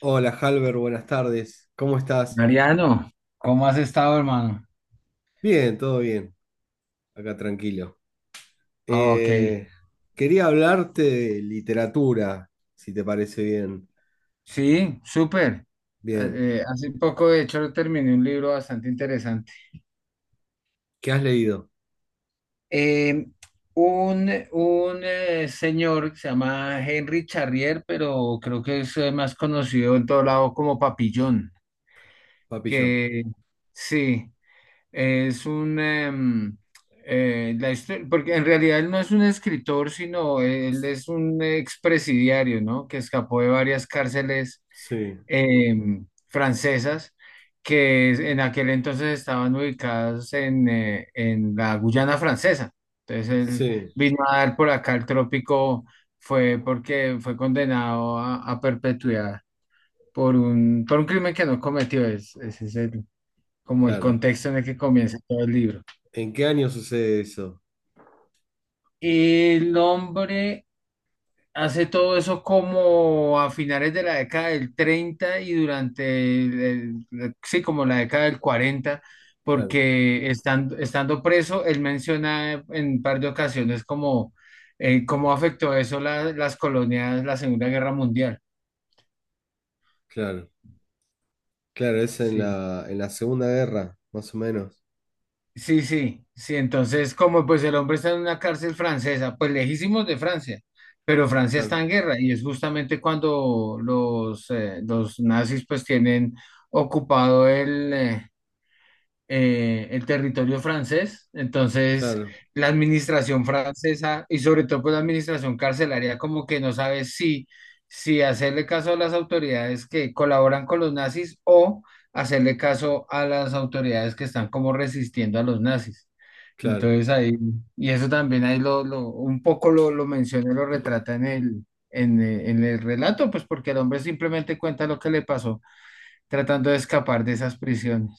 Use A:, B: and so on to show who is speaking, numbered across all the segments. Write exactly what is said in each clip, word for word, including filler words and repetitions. A: Hola, Halber, buenas tardes. ¿Cómo estás?
B: Mariano, ¿cómo has estado, hermano?
A: Bien, todo bien. Acá tranquilo.
B: Ah, ok.
A: Eh, Quería hablarte de literatura, si te parece bien.
B: Sí, súper.
A: Bien.
B: Eh, eh, hace poco, de hecho, terminé un libro bastante interesante.
A: ¿Qué has leído,
B: Eh, un un eh, señor que se llama Henry Charrier, pero creo que es eh, más conocido en todo lado como Papillón,
A: Papillón?
B: que sí, es un... em, eh, la histo- porque en realidad él no es un escritor, sino él es un expresidiario, ¿no? Que escapó de varias cárceles
A: Sí,
B: em, francesas que es- en aquel entonces estaban ubicadas en, eh, en la Guyana francesa. Entonces él
A: sí,
B: vino a dar por acá el trópico, fue porque fue condenado a, a perpetuidad por un, por un crimen que no cometió. Es, ese es el- como el
A: claro.
B: contexto en el que comienza todo el libro.
A: ¿En qué año sucede eso?
B: El hombre Hace todo eso como a finales de la década del treinta y durante el, el- la- sí, como la década del cuarenta,
A: Claro,
B: porque estando, estando preso, él menciona en un par de ocasiones como eh, cómo afectó eso la- las colonias, la Segunda Guerra Mundial.
A: claro. Claro, es en
B: Sí.
A: la, en la Segunda Guerra, más o menos.
B: Sí, sí, sí. Entonces, como pues el hombre está en una cárcel francesa, pues lejísimos de Francia, pero Francia está
A: Claro,
B: en guerra y es justamente cuando los, eh, los nazis pues tienen ocupado el, eh, eh, el territorio francés. Entonces,
A: claro,
B: la administración francesa y sobre todo pues la administración carcelaria como que no sabe si, si hacerle caso a las autoridades que colaboran con los nazis o hacerle caso a las autoridades que están como resistiendo a los nazis.
A: claro.
B: Entonces ahí, y eso también ahí lo, lo un poco lo, lo menciona, y lo retrata en el, en, el- en el relato, pues porque el hombre simplemente cuenta lo que le pasó tratando de escapar de esas prisiones.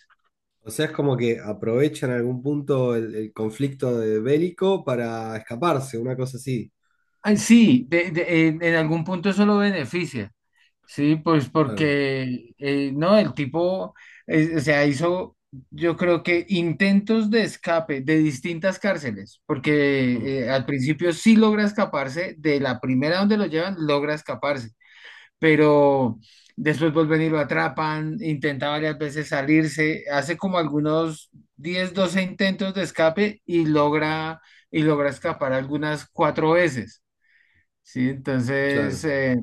A: O sea, es como que aprovechan en algún punto el, el conflicto de bélico para escaparse, una cosa así.
B: Ay, sí, de- de- en, en algún punto eso lo beneficia, sí, pues
A: Claro.
B: porque, eh, no, el tipo, eh, o sea, hizo, yo creo que intentos de escape de distintas cárceles,
A: Mm.
B: porque eh, al principio sí logra escaparse, de la primera donde lo llevan, logra escaparse pero después vuelven y lo atrapan, intenta varias veces salirse, hace como algunos diez doce intentos de escape y logra, y logra escapar algunas cuatro veces, ¿sí? Entonces,
A: Claro,
B: eh,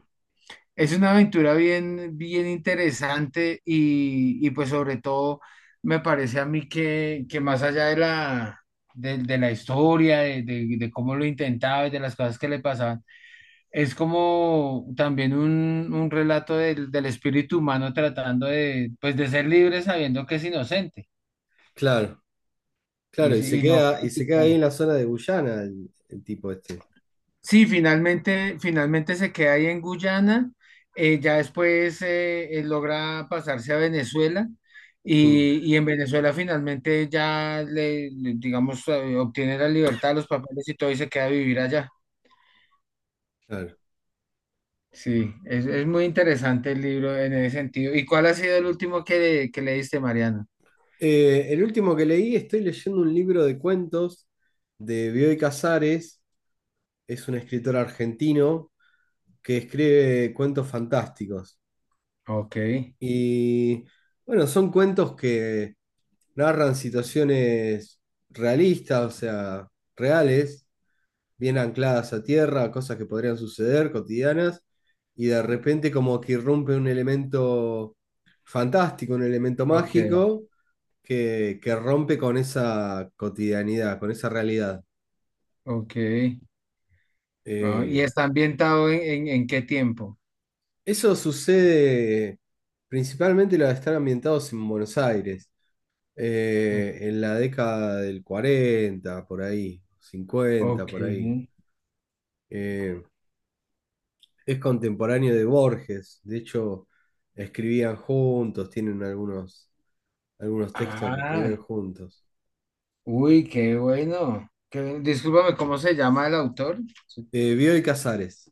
B: es una aventura bien, bien interesante y, y pues sobre todo me parece a mí que, que más allá de la... De, de la historia, de, de de cómo lo intentaba y de las cosas que le pasaban, es como también un, un relato del, del espíritu humano tratando de, pues, de ser libre sabiendo que es inocente
A: claro, claro,
B: y,
A: y se
B: si- y no
A: queda, y se queda
B: claudicar.
A: ahí en la zona de Guyana el, el tipo este.
B: Sí, finalmente, finalmente se queda ahí en Guyana, eh, ya después eh, él logra pasarse a Venezuela
A: Mm.
B: y, y en Venezuela finalmente ya le, le- digamos, eh, obtiene la libertad, los papeles y todo y se queda a vivir allá.
A: Claro.
B: Sí, es, es muy interesante el libro en ese sentido. ¿Y cuál ha sido el último que, que leíste, Mariana?
A: Eh, el último que leí, estoy leyendo un libro de cuentos de Bioy Casares, es un escritor argentino que escribe cuentos fantásticos.
B: Ok,
A: Y bueno, son cuentos que narran situaciones realistas, o sea, reales. Bien ancladas a tierra, cosas que podrían suceder cotidianas, y de repente como que irrumpe un elemento fantástico, un elemento
B: ok,
A: mágico, que, que, rompe con esa cotidianidad, con esa realidad.
B: ok. Ah, ¿y
A: Eh,
B: está ambientado en, en, en qué tiempo?
A: Eso sucede principalmente los que están ambientados en Buenos Aires,
B: O-
A: eh, en la década del cuarenta por ahí, cincuenta
B: Ok.
A: por ahí. Eh, es contemporáneo de Borges. De hecho, escribían juntos, tienen algunos, algunos, textos que
B: Ah,
A: escriben juntos.
B: uy, qué bueno. Qué bien. Discúlpame, ¿cómo se llama el autor? Sí.
A: Eh, Bioy Casares.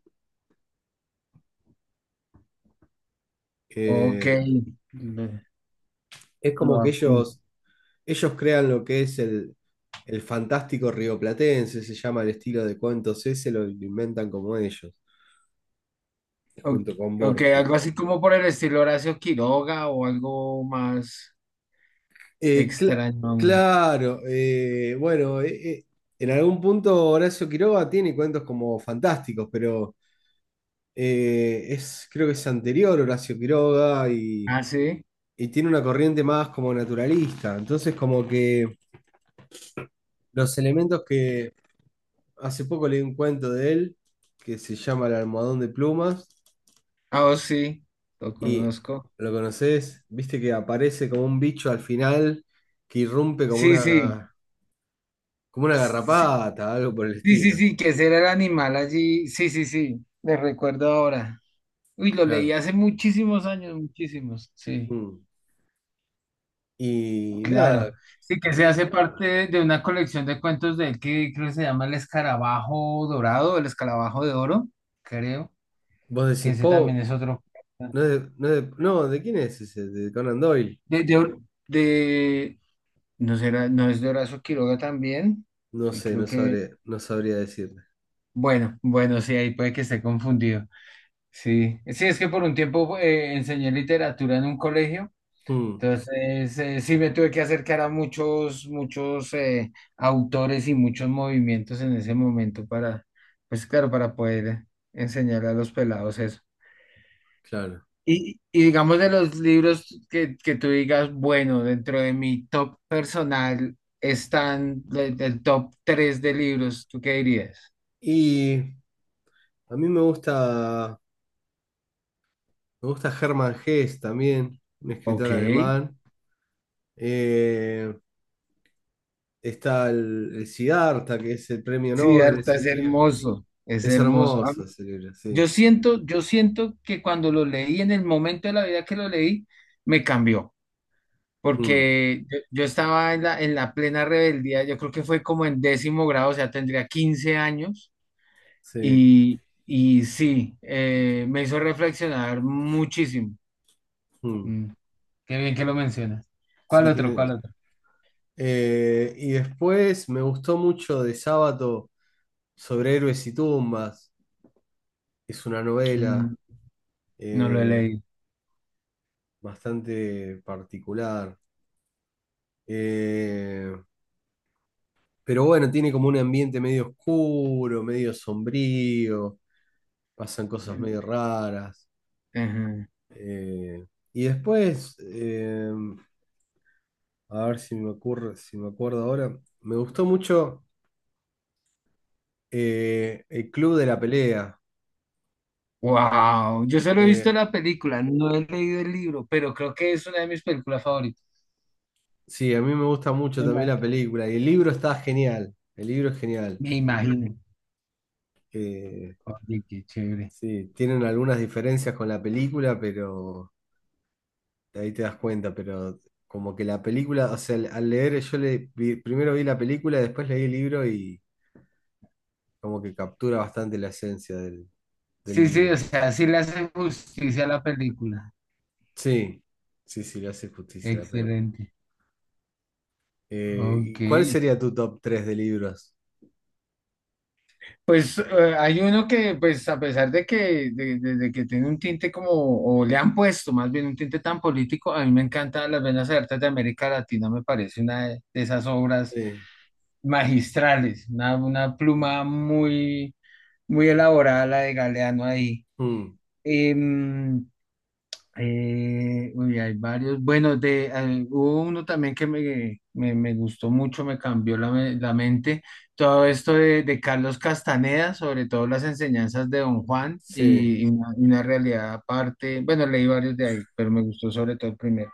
B: Ok,
A: eh,
B: le-
A: es como
B: lo
A: que
B: apunto.
A: ellos, ellos, crean lo que es el, el fantástico rioplatense, se llama el estilo de cuentos ese, lo inventan como ellos,
B: Ok,
A: junto con
B: ok,
A: Borges.
B: algo así como por el estilo Horacio Quiroga o algo más
A: Eh, cla-
B: extraño.
A: claro, eh, bueno, eh, eh, en algún punto Horacio Quiroga tiene cuentos como fantásticos, pero eh, es, creo que es anterior Horacio Quiroga y,
B: Ah, sí.
A: y tiene una corriente más como naturalista. Entonces, como que los elementos que hace poco leí un cuento de él que se llama El almohadón de plumas
B: Ah, oh, sí, lo
A: y
B: conozco.
A: lo conoces, viste que aparece como un bicho al final que irrumpe como
B: Sí, sí.
A: una, como una
B: Sí,
A: garrapata, algo por el
B: sí, sí,
A: estilo.
B: sí, que ese era el animal allí. Sí, sí, sí, le recuerdo ahora. Uy, lo leí
A: Claro.
B: hace muchísimos años, muchísimos. Sí,
A: Mm. Y
B: claro.
A: nada,
B: Sí, que se hace parte de una colección de cuentos de él que creo que se llama El Escarabajo Dorado, El Escarabajo de Oro, creo,
A: vos
B: que
A: decís,
B: ese también
A: po,
B: es otro.
A: no es de, no es de- no, ¿de quién es ese? De Conan Doyle.
B: De, de, Hor- de- no será, no es de Horacio Quiroga también.
A: No
B: Sí,
A: sé,
B: creo
A: no
B: que,
A: sabría, no sabría decirte.
B: bueno, bueno, sí, ahí puede que esté confundido. Sí, sí, es que por un tiempo eh, enseñé literatura en un colegio.
A: Mm,
B: Entonces, eh, sí me tuve que acercar a muchos, muchos eh, autores y muchos movimientos en ese momento para, pues claro, para poder enseñar a los pelados eso.
A: claro.
B: Y, y digamos de los libros que, que tú digas, bueno, dentro de mi top personal están el, el top tres de libros, ¿tú qué dirías?
A: Y a mí me gusta, me gusta Hermann Hesse también, un escritor
B: Ok,
A: alemán. Eh, Está el, el Siddhartha, que es el premio Nobel,
B: Siddhartha
A: ese
B: es
A: libro.
B: hermoso, es
A: Es
B: hermoso.
A: hermoso ese libro,
B: Yo
A: sí.
B: siento, yo siento que cuando lo leí, en el momento de la vida que lo leí, me cambió,
A: Mm,
B: porque yo, yo estaba en la, en la plena rebeldía, yo creo que fue como en décimo grado, o sea, tendría quince años
A: sí.
B: y, y sí, eh, me hizo reflexionar muchísimo.
A: Mm.
B: Mm, qué bien que lo mencionas. ¿Cuál
A: Sí,
B: otro? ¿Cuál
A: tiene.
B: otro?
A: Eh, y después me gustó mucho de Sábato sobre héroes y tumbas. Es una novela.
B: Mm, no lo he
A: eh,
B: leído.
A: Bastante particular. Eh, pero bueno, tiene como un ambiente medio oscuro, medio sombrío, pasan cosas medio raras. Eh, y después, eh, a ver si me ocurre, si me acuerdo ahora, me gustó mucho eh, El Club de la Pelea.
B: Wow, yo solo he
A: Eh,
B: visto la película, no he leído el libro, pero creo que es una de mis películas favoritas.
A: sí, a mí me gusta mucho
B: Me
A: también la
B: imagino.
A: película y el libro está genial, el libro es genial.
B: Me imagino.
A: Eh,
B: Oye, qué chévere.
A: sí, tienen algunas diferencias con la película, pero. Ahí te das cuenta, pero como que la película, o sea, al al leer yo le vi- primero vi la película, después leí el libro y como que captura bastante la esencia del, del,
B: Sí, sí, o
A: libro.
B: sea, sí le hace justicia a la película.
A: Sí, sí, sí, le hace justicia a la peli.
B: Excelente.
A: Eh,
B: Ok.
A: ¿y cuál sería tu top tres de libros?
B: Pues eh, hay uno que, pues a pesar de que, de, de- de que tiene un tinte como, o le han puesto más bien un tinte tan político, a mí me encanta Las Venas Abiertas de América Latina, me parece una de de esas obras
A: Sí,
B: magistrales, una, una
A: mm,
B: pluma muy, muy elaborada la de Galeano ahí.
A: mm,
B: Em, Eh, uy, hay varios. Bueno, de, eh, hubo uno también que me, me, me gustó mucho, me cambió la, me- la mente. Todo esto de, de Carlos Castaneda, sobre todo las enseñanzas de Don Juan
A: sí,
B: y, y una, y una realidad aparte. Bueno, leí varios de ahí, pero me gustó sobre todo el primero.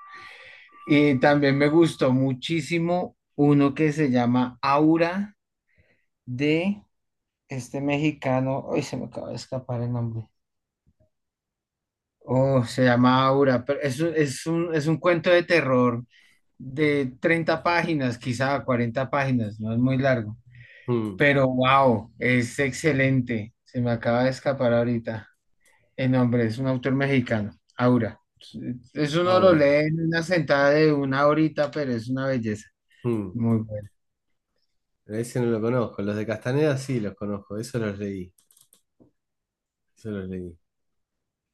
B: Y también me gustó muchísimo uno que se llama Aura de este mexicano. Ay, se me acaba de escapar el nombre. Oh, se llama Aura, pero es, un- es un, es un cuento de terror de treinta páginas, quizá cuarenta páginas, no es muy largo,
A: mm,
B: pero wow, es excelente. Se me acaba de escapar ahorita el nombre, es un autor mexicano, Aura. Eso uno lo
A: ahora,
B: lee en una sentada de una horita, pero es una belleza.
A: mm.
B: Muy bueno.
A: Ese no lo conozco, los de Castaneda sí los conozco, eso los leí, eso los leí.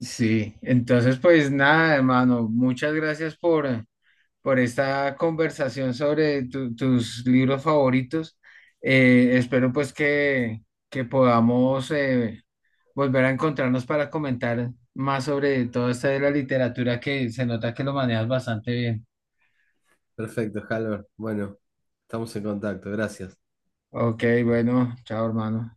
B: Sí, entonces pues nada, hermano, muchas gracias por, por esta conversación sobre tu- tus libros favoritos. Eh, espero pues que, que podamos... eh, volver a encontrarnos para comentar más sobre todo esto de la literatura que se nota que lo manejas bastante bien.
A: Perfecto, Halvor, bueno, estamos en contacto, gracias.
B: Ok, bueno, chao hermano.